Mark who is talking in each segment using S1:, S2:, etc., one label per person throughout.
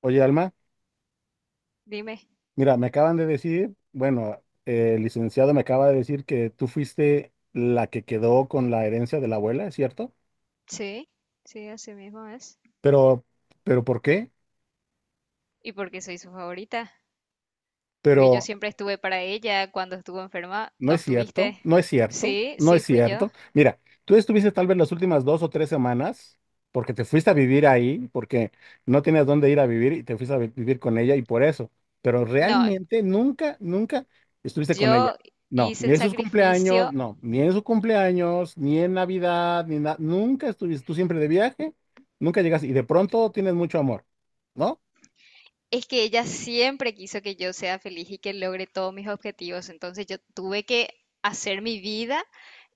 S1: Oye, Alma,
S2: Dime,
S1: mira, me acaban de decir, bueno, el licenciado me acaba de decir que tú fuiste la que quedó con la herencia de la abuela, ¿es cierto?
S2: sí, sí, así mismo es.
S1: Pero, pero ¿por qué?
S2: ¿Y por qué soy su favorita? Porque yo
S1: Pero
S2: siempre estuve para ella cuando estuvo enferma.
S1: no
S2: ¿No
S1: es cierto,
S2: estuviste?
S1: no es cierto,
S2: Sí,
S1: no es
S2: sí, fui yo.
S1: cierto. Mira, tú estuviste tal vez las últimas dos o tres semanas porque te fuiste a vivir ahí, porque no tenías dónde ir a vivir y te fuiste a vivir con ella y por eso. Pero
S2: No,
S1: realmente nunca, nunca estuviste con ella.
S2: yo
S1: No,
S2: hice
S1: ni
S2: el
S1: en sus cumpleaños,
S2: sacrificio.
S1: no, ni en su cumpleaños, ni en Navidad, ni nada. Nunca estuviste, tú siempre de viaje, nunca llegas y de pronto tienes mucho amor, ¿no?
S2: Es que ella siempre quiso que yo sea feliz y que logre todos mis objetivos. Entonces yo tuve que hacer mi vida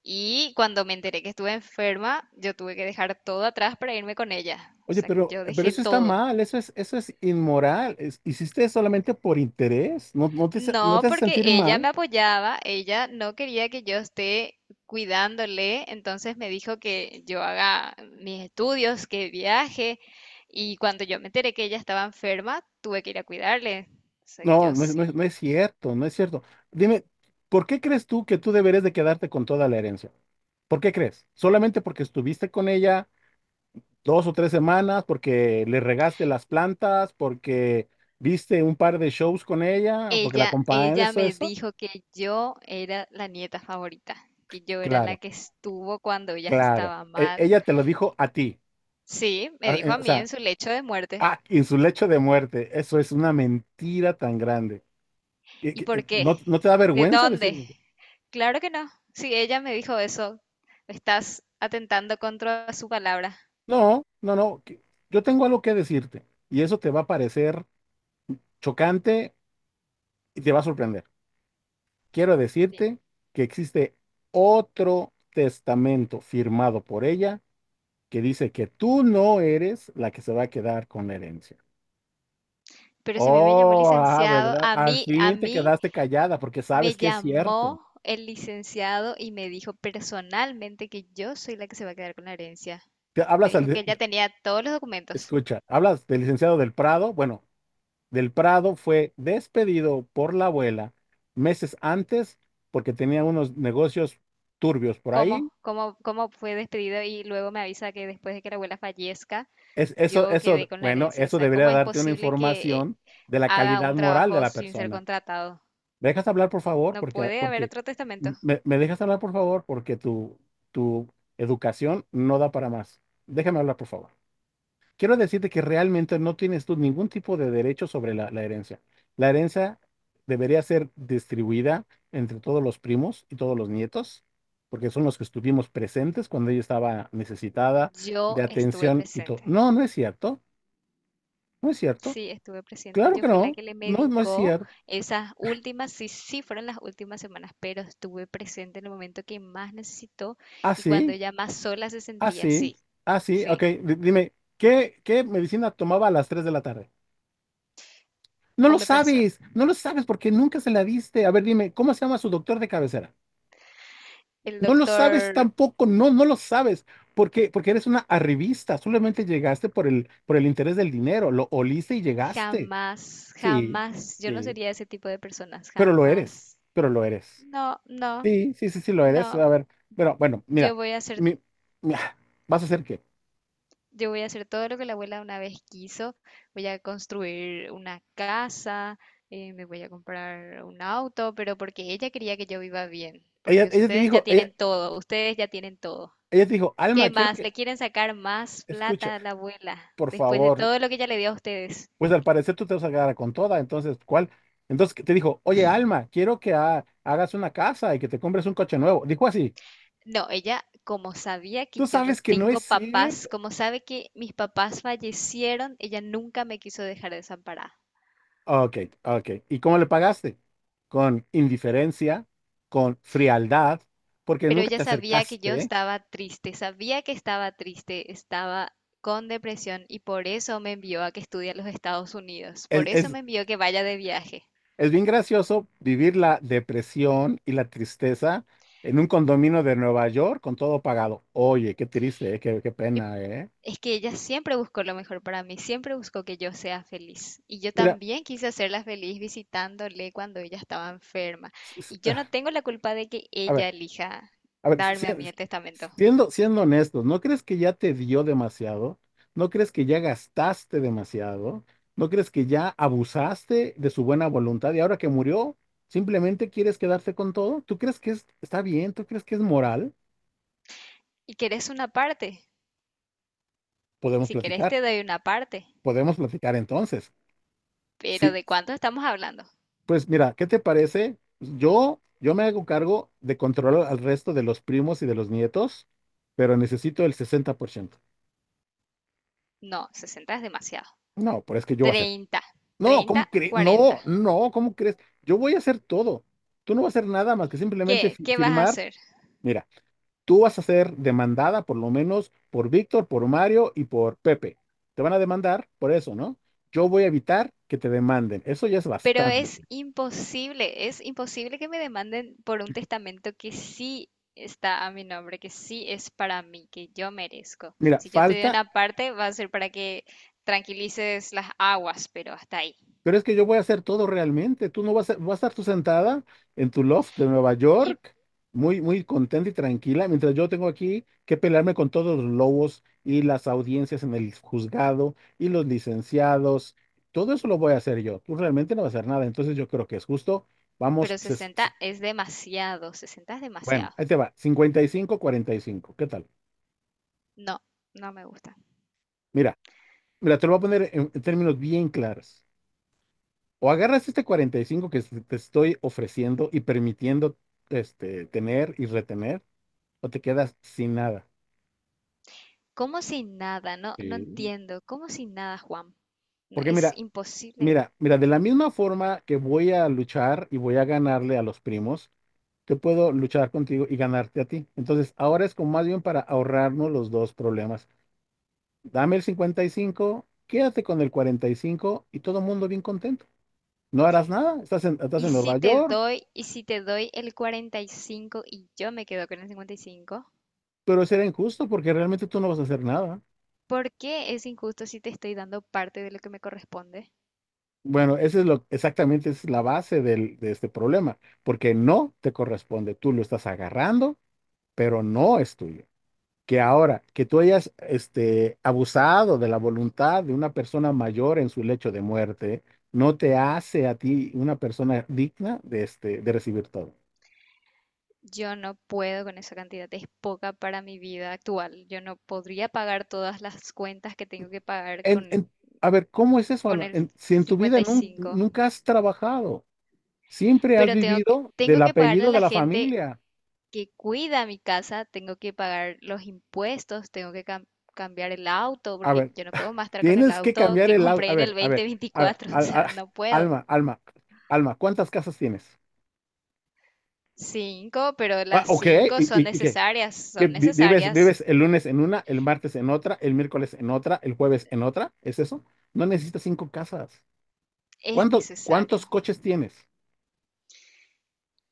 S2: y cuando me enteré que estuve enferma, yo tuve que dejar todo atrás para irme con ella. O
S1: Oye,
S2: sea, que
S1: pero,
S2: yo
S1: pero
S2: dejé
S1: eso está
S2: todo.
S1: mal, eso es inmoral. Hiciste solamente por interés. No
S2: No,
S1: te hace
S2: porque
S1: sentir
S2: ella
S1: mal?
S2: me apoyaba, ella no quería que yo esté cuidándole, entonces me dijo que yo haga mis estudios, que viaje, y cuando yo me enteré que ella estaba enferma, tuve que ir a cuidarle. O sea, yo sí.
S1: No es cierto, no es cierto. Dime, ¿por qué crees tú que tú deberías de quedarte con toda la herencia? ¿Por qué crees? ¿Solamente porque estuviste con ella dos o tres semanas, porque le regaste las plantas, porque viste un par de shows con ella, porque la
S2: Ella,
S1: acompañaste,
S2: ella
S1: eso,
S2: me
S1: eso?
S2: dijo que yo era la nieta favorita, que yo era la
S1: Claro,
S2: que estuvo cuando ella
S1: claro.
S2: estaba mal.
S1: Ella te lo dijo a ti.
S2: Sí, me
S1: A-
S2: dijo
S1: eh,
S2: a
S1: O
S2: mí en
S1: sea,
S2: su lecho de muerte.
S1: En su lecho de muerte. Eso es una mentira tan grande.
S2: ¿Y por qué?
S1: ¿No no te da
S2: ¿De
S1: vergüenza
S2: dónde?
S1: decirlo?
S2: Claro que no. Si ella me dijo eso, estás atentando contra su palabra.
S1: No, no, no. Yo tengo algo que decirte y eso te va a parecer chocante y te va a sorprender. Quiero
S2: Bien.
S1: decirte que existe otro testamento firmado por ella que dice que tú no eres la que se va a quedar con la herencia.
S2: Pero si a mí me llamó
S1: Oh,
S2: licenciado,
S1: ¿Verdad?
S2: a
S1: Al
S2: mí, a
S1: fin te
S2: mí
S1: quedaste callada porque
S2: me
S1: sabes que es cierto.
S2: llamó el licenciado y me dijo personalmente que yo soy la que se va a quedar con la herencia.
S1: Te
S2: Me
S1: hablas
S2: dijo que
S1: al,
S2: ella tenía todos los documentos.
S1: Escucha, hablas del licenciado del Prado. Bueno, del Prado fue despedido por la abuela meses antes porque tenía unos negocios turbios por ahí.
S2: ¿Cómo fue despedido y luego me avisa que después de que la abuela fallezca, yo quedé con la
S1: Bueno,
S2: herencia? O
S1: eso
S2: sea,
S1: debería
S2: ¿cómo es
S1: darte una
S2: posible que
S1: información de la
S2: haga
S1: calidad
S2: un
S1: moral de
S2: trabajo
S1: la
S2: sin ser
S1: persona.
S2: contratado?
S1: ¿Me dejas hablar, por favor?
S2: No puede haber otro testamento.
S1: Me dejas hablar, por favor, porque tu educación no da para más. Déjame hablar, por favor. Quiero decirte que realmente no tienes tú ningún tipo de derecho sobre la, la herencia. La herencia debería ser distribuida entre todos los primos y todos los nietos, porque son los que estuvimos presentes cuando ella estaba necesitada
S2: Yo
S1: de
S2: estuve
S1: atención y todo.
S2: presente.
S1: No, no es cierto, no es cierto.
S2: Sí, estuve presente.
S1: Claro
S2: Yo
S1: que
S2: fui la
S1: no,
S2: que le
S1: no, no es
S2: medicó
S1: cierto.
S2: esas últimas, sí, sí fueron las últimas semanas, pero estuve presente en el momento que más necesitó y cuando
S1: Así,
S2: ella más sola se sentía,
S1: así,
S2: sí,
S1: así. Ok,
S2: sí,
S1: dime, ¿qué, ¿qué medicina tomaba a las 3 de la tarde? No lo
S2: omeprazol.
S1: sabes, no lo sabes porque nunca se la diste. A ver, dime, ¿cómo se llama su doctor de cabecera?
S2: El
S1: No lo sabes
S2: doctor.
S1: tampoco, no, no lo sabes, porque eres una arribista, solamente llegaste por el interés del dinero, lo oliste y llegaste.
S2: Jamás,
S1: Sí,
S2: jamás. Yo no
S1: sí,
S2: sería ese tipo de personas,
S1: pero lo eres,
S2: jamás.
S1: pero lo eres.
S2: No, no,
S1: Sí, sí, sí, sí, lo eres.
S2: no.
S1: A ver, pero bueno,
S2: Yo
S1: mira,
S2: voy a hacer,
S1: mi, mi- vas a hacer qué.
S2: yo voy a hacer todo lo que la abuela una vez quiso. Voy a construir una casa, me voy a comprar un auto, pero porque ella quería que yo viva bien.
S1: Ella,
S2: Porque
S1: ella te
S2: ustedes ya
S1: dijo, ella,
S2: tienen todo, ustedes ya tienen todo.
S1: Ella te dijo, Alma,
S2: ¿Qué
S1: quiero
S2: más?
S1: que,
S2: ¿Le quieren sacar más
S1: escucha,
S2: plata a la abuela
S1: por
S2: después de
S1: favor,
S2: todo lo que ella le dio a ustedes?
S1: pues al parecer tú te vas a quedar con toda, entonces, ¿cuál? Entonces te dijo, oye, Alma, quiero que hagas una casa y que te compres un coche nuevo. Dijo así.
S2: No, ella, como sabía que
S1: Tú
S2: yo no
S1: sabes que no
S2: tengo
S1: es
S2: papás,
S1: cierto.
S2: como sabe que mis papás fallecieron, ella nunca me quiso dejar desamparada.
S1: Ok, ok. ¿Y cómo le pagaste? Con indiferencia, con frialdad, porque
S2: Pero
S1: nunca
S2: ella
S1: te
S2: sabía que yo
S1: acercaste.
S2: estaba triste, sabía que estaba triste, estaba con depresión y por eso me envió a que estudie en los Estados Unidos,
S1: Es,
S2: por eso
S1: es,
S2: me envió que vaya de viaje.
S1: es bien gracioso vivir la depresión y la tristeza en un condominio de Nueva York con todo pagado. Oye, qué triste, qué, qué
S2: Y
S1: pena, ¿eh?
S2: Es que ella siempre buscó lo mejor para mí, siempre buscó que yo sea feliz. Y yo
S1: Mira,
S2: también quise hacerla feliz visitándole cuando ella estaba enferma.
S1: s- s-
S2: Y yo
S1: ah,
S2: no tengo la culpa de que
S1: a
S2: ella
S1: ver.
S2: elija
S1: A ver,
S2: darme a mí el testamento.
S1: siendo, siendo honestos, ¿no crees que ya te dio demasiado? ¿No crees que ya gastaste demasiado? ¿No crees que ya abusaste de su buena voluntad y ahora que murió, simplemente quieres quedarte con todo? ¿Tú crees que está bien? ¿Tú crees que es moral?
S2: ¿Y querés una parte?
S1: Podemos
S2: Si querés
S1: platicar,
S2: te doy una parte.
S1: podemos platicar entonces.
S2: Pero
S1: Sí,
S2: ¿de cuánto estamos hablando?
S1: pues mira, ¿qué te parece? Yo me hago cargo de controlar al resto de los primos y de los nietos, pero necesito el 60%.
S2: No, 60 es demasiado.
S1: No, pero es que yo voy a hacer.
S2: 30,
S1: No,
S2: 30,
S1: ¿cómo crees? No,
S2: 40.
S1: no, ¿cómo crees? Yo voy a hacer todo. Tú no vas a hacer nada más que simplemente
S2: ¿Qué? ¿Qué vas a
S1: firmar.
S2: hacer?
S1: Mira, tú vas a ser demandada por lo menos por Víctor, por Mario y por Pepe. Te van a demandar por eso, ¿no? Yo voy a evitar que te demanden. Eso ya es
S2: Pero
S1: bastante.
S2: es imposible que me demanden por un testamento que sí está a mi nombre, que sí es para mí, que yo merezco.
S1: Mira,
S2: Si yo te doy
S1: falta.
S2: una parte, va a ser para que tranquilices las aguas, pero hasta ahí.
S1: Pero es que yo voy a hacer todo realmente. Tú no vas a, vas a estar tú sentada en tu loft de Nueva
S2: Y,
S1: York, muy, muy contenta y tranquila, mientras yo tengo aquí que pelearme con todos los lobos y las audiencias en el juzgado y los licenciados. Todo eso lo voy a hacer yo. Tú realmente no vas a hacer nada. Entonces yo creo que es justo. Vamos,
S2: pero 60 es demasiado, 60 es
S1: bueno,
S2: demasiado.
S1: ahí te va. 55, 45. ¿Qué tal?
S2: No, no me gusta.
S1: Mira, mira, te lo voy a poner en términos bien claros. O agarras este 45 que te estoy ofreciendo y permitiendo este, tener y retener, o te quedas sin nada.
S2: Como si nada, no, no
S1: Sí.
S2: entiendo. Como si nada, Juan. No,
S1: Porque
S2: es
S1: mira,
S2: imposible.
S1: mira, mira, de la misma forma que voy a luchar y voy a ganarle a los primos, yo puedo luchar contigo y ganarte a ti. Entonces, ahora es como más bien para ahorrarnos los dos problemas. Dame el 55, quédate con el 45 y cinco y todo el mundo bien contento. No harás nada, estás
S2: Y
S1: en
S2: si
S1: Nueva
S2: te
S1: York,
S2: doy, y si te doy el 45 y yo me quedo con el 55?
S1: pero será injusto porque realmente tú no vas a hacer nada.
S2: ¿Por qué es injusto si te estoy dando parte de lo que me corresponde?
S1: Bueno, exactamente esa es la base de este problema, porque no te corresponde, tú lo estás agarrando, pero no es tuyo. Que ahora, que tú hayas este, abusado de la voluntad de una persona mayor en su lecho de muerte, no te hace a ti una persona digna de, este, de recibir todo.
S2: Yo no puedo con esa cantidad, es poca para mi vida actual. Yo no podría pagar todas las cuentas que tengo que pagar
S1: En-
S2: con,
S1: en- a ver, ¿cómo es eso,
S2: con
S1: Alma?
S2: el
S1: Si en tu vida
S2: cincuenta y cinco.
S1: nunca has trabajado, siempre has
S2: Pero tengo que,
S1: vivido
S2: tengo
S1: del
S2: que pagarle a
S1: apellido de
S2: la
S1: la
S2: gente
S1: familia.
S2: que cuida mi casa, tengo que pagar los impuestos, tengo que cambiar el auto,
S1: A
S2: porque
S1: ver.
S2: yo no puedo más estar con el
S1: Tienes que
S2: auto
S1: cambiar
S2: que
S1: el auto.
S2: compré
S1: A
S2: en el
S1: ver,
S2: dos
S1: a
S2: mil
S1: ver, a ver,
S2: veinticuatro. O sea, no puedo.
S1: alma, alma, alma, ¿cuántas casas tienes?
S2: Cinco, pero
S1: Va,
S2: las
S1: ok,
S2: cinco
S1: ¿y,
S2: son
S1: y- y qué?
S2: necesarias,
S1: ¿Qué
S2: son
S1: vives,
S2: necesarias.
S1: vives el lunes en una, el martes en otra, el miércoles en otra, el jueves en otra? ¿Es eso? No necesitas cinco casas.
S2: Es
S1: ¿Cuánto, cuántos
S2: necesario.
S1: coches tienes?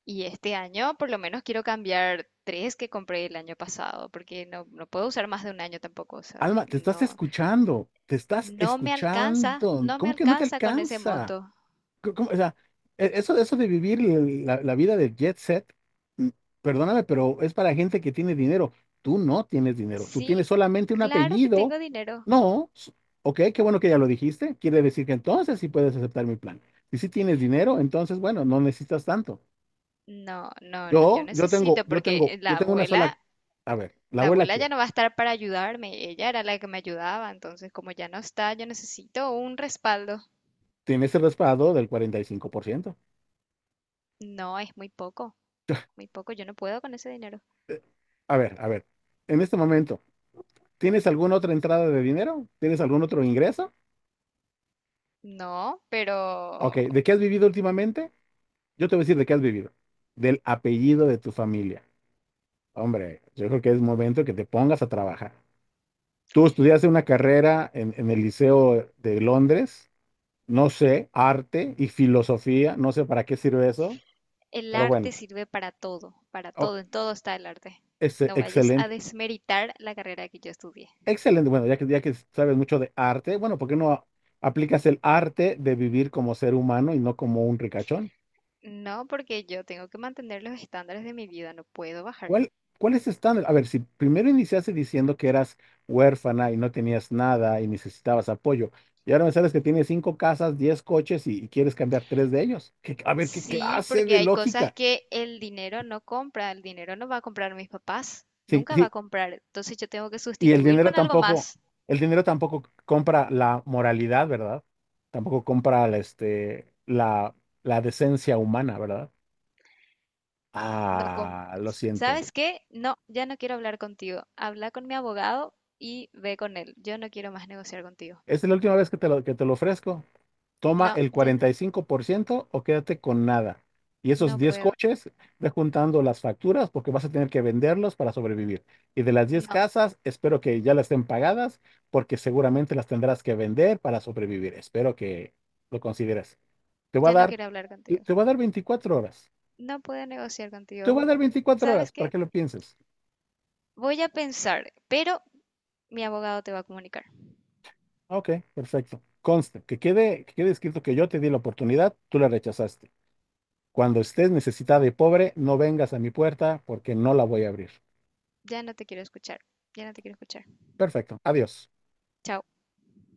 S2: Y este año por lo menos quiero cambiar tres que compré el año pasado, porque no, no puedo usar más de un año tampoco. O sea,
S1: Alma, te estás
S2: no,
S1: escuchando, te estás
S2: no me alcanza,
S1: escuchando.
S2: no me
S1: ¿Cómo que no te
S2: alcanza con ese
S1: alcanza?
S2: monto.
S1: ¿Cómo? O sea, eso, eso de vivir la, la vida de jet set, mm, perdóname, pero es para gente que tiene dinero. Tú no tienes dinero, tú
S2: Sí,
S1: tienes solamente un
S2: claro que
S1: apellido.
S2: tengo dinero.
S1: No, s- Ok, qué bueno que ya lo dijiste. Quiere decir que entonces sí puedes aceptar mi plan. Y si tienes dinero, entonces, bueno, no necesitas tanto.
S2: No, no, no, yo
S1: Yo, yo tengo,
S2: necesito,
S1: yo tengo,
S2: porque
S1: yo
S2: la
S1: tengo una sola.
S2: abuela,
S1: A ver, la
S2: la
S1: abuela
S2: abuela ya
S1: quiere.
S2: no va a estar para ayudarme. Ella era la que me ayudaba, entonces como ya no está, yo necesito un respaldo.
S1: Tiene ese respaldo del 45%.
S2: No, es muy poco, yo no puedo con ese dinero.
S1: Eh, a ver, en este momento, ¿tienes alguna otra entrada de dinero? ¿Tienes algún otro ingreso?
S2: No, pero.
S1: Ok, ¿de qué has vivido últimamente? Yo te voy a decir de qué has vivido. Del apellido de tu familia. Hombre, yo creo que es momento que te pongas a trabajar. Tú estudiaste una carrera en el Liceo de Londres, no sé, arte y filosofía, no sé para qué sirve eso,
S2: El
S1: pero bueno,
S2: arte sirve para
S1: oh,
S2: todo, en todo está el arte.
S1: es
S2: No vayas a
S1: excelente,
S2: desmeritar la carrera que yo estudié.
S1: excelente. Bueno, ya que sabes mucho de arte, bueno, ¿por qué no aplicas el arte de vivir como ser humano y no como un ricachón?
S2: No, porque yo tengo que mantener los estándares de mi vida, no puedo bajar.
S1: ¿Cuál, cuál es tu estándar? A ver, si primero iniciaste diciendo que eras huérfana y no tenías nada y necesitabas apoyo, y ahora me sabes que tienes cinco casas, diez coches y quieres cambiar tres de ellos. ¿Qué- a ver, ¿qué
S2: Sí,
S1: clase
S2: porque
S1: de
S2: hay cosas
S1: lógica?
S2: que el dinero no compra, el dinero no va a comprar mis papás,
S1: Sí,
S2: nunca va
S1: sí,
S2: a comprar, entonces yo tengo que
S1: y
S2: sustituir con algo más.
S1: el dinero tampoco compra la moralidad, ¿verdad? Tampoco compra la, este, la decencia humana, ¿verdad?
S2: No com-
S1: Ah, lo siento.
S2: ¿Sabes qué? No, ya no quiero hablar contigo. Habla con mi abogado y ve con él. Yo no quiero más negociar contigo.
S1: Esta es la última vez que te lo ofrezco. Toma
S2: No,
S1: el
S2: ya no,
S1: 45% o quédate con nada. Y esos
S2: no
S1: 10
S2: puedo.
S1: coches, ve juntando las facturas porque vas a tener que venderlos para sobrevivir. Y de las 10
S2: No,
S1: casas, espero que ya las estén pagadas porque seguramente las tendrás que vender para sobrevivir. Espero que lo consideres. Te voy a
S2: ya no
S1: dar,
S2: quiero hablar
S1: te
S2: contigo.
S1: te voy a dar 24 horas.
S2: No puedo negociar
S1: Te
S2: contigo.
S1: voy a dar 24
S2: ¿Sabes
S1: horas para
S2: qué?
S1: que lo pienses.
S2: Voy a pensar, pero mi abogado te va a comunicar.
S1: Ok, perfecto. Conste, que quede escrito que yo te di la oportunidad, tú la rechazaste. Cuando estés necesitada y pobre, no vengas a mi puerta porque no la voy a abrir.
S2: Ya no te quiero escuchar. Ya no te quiero escuchar.
S1: Perfecto. Adiós.
S2: Chao.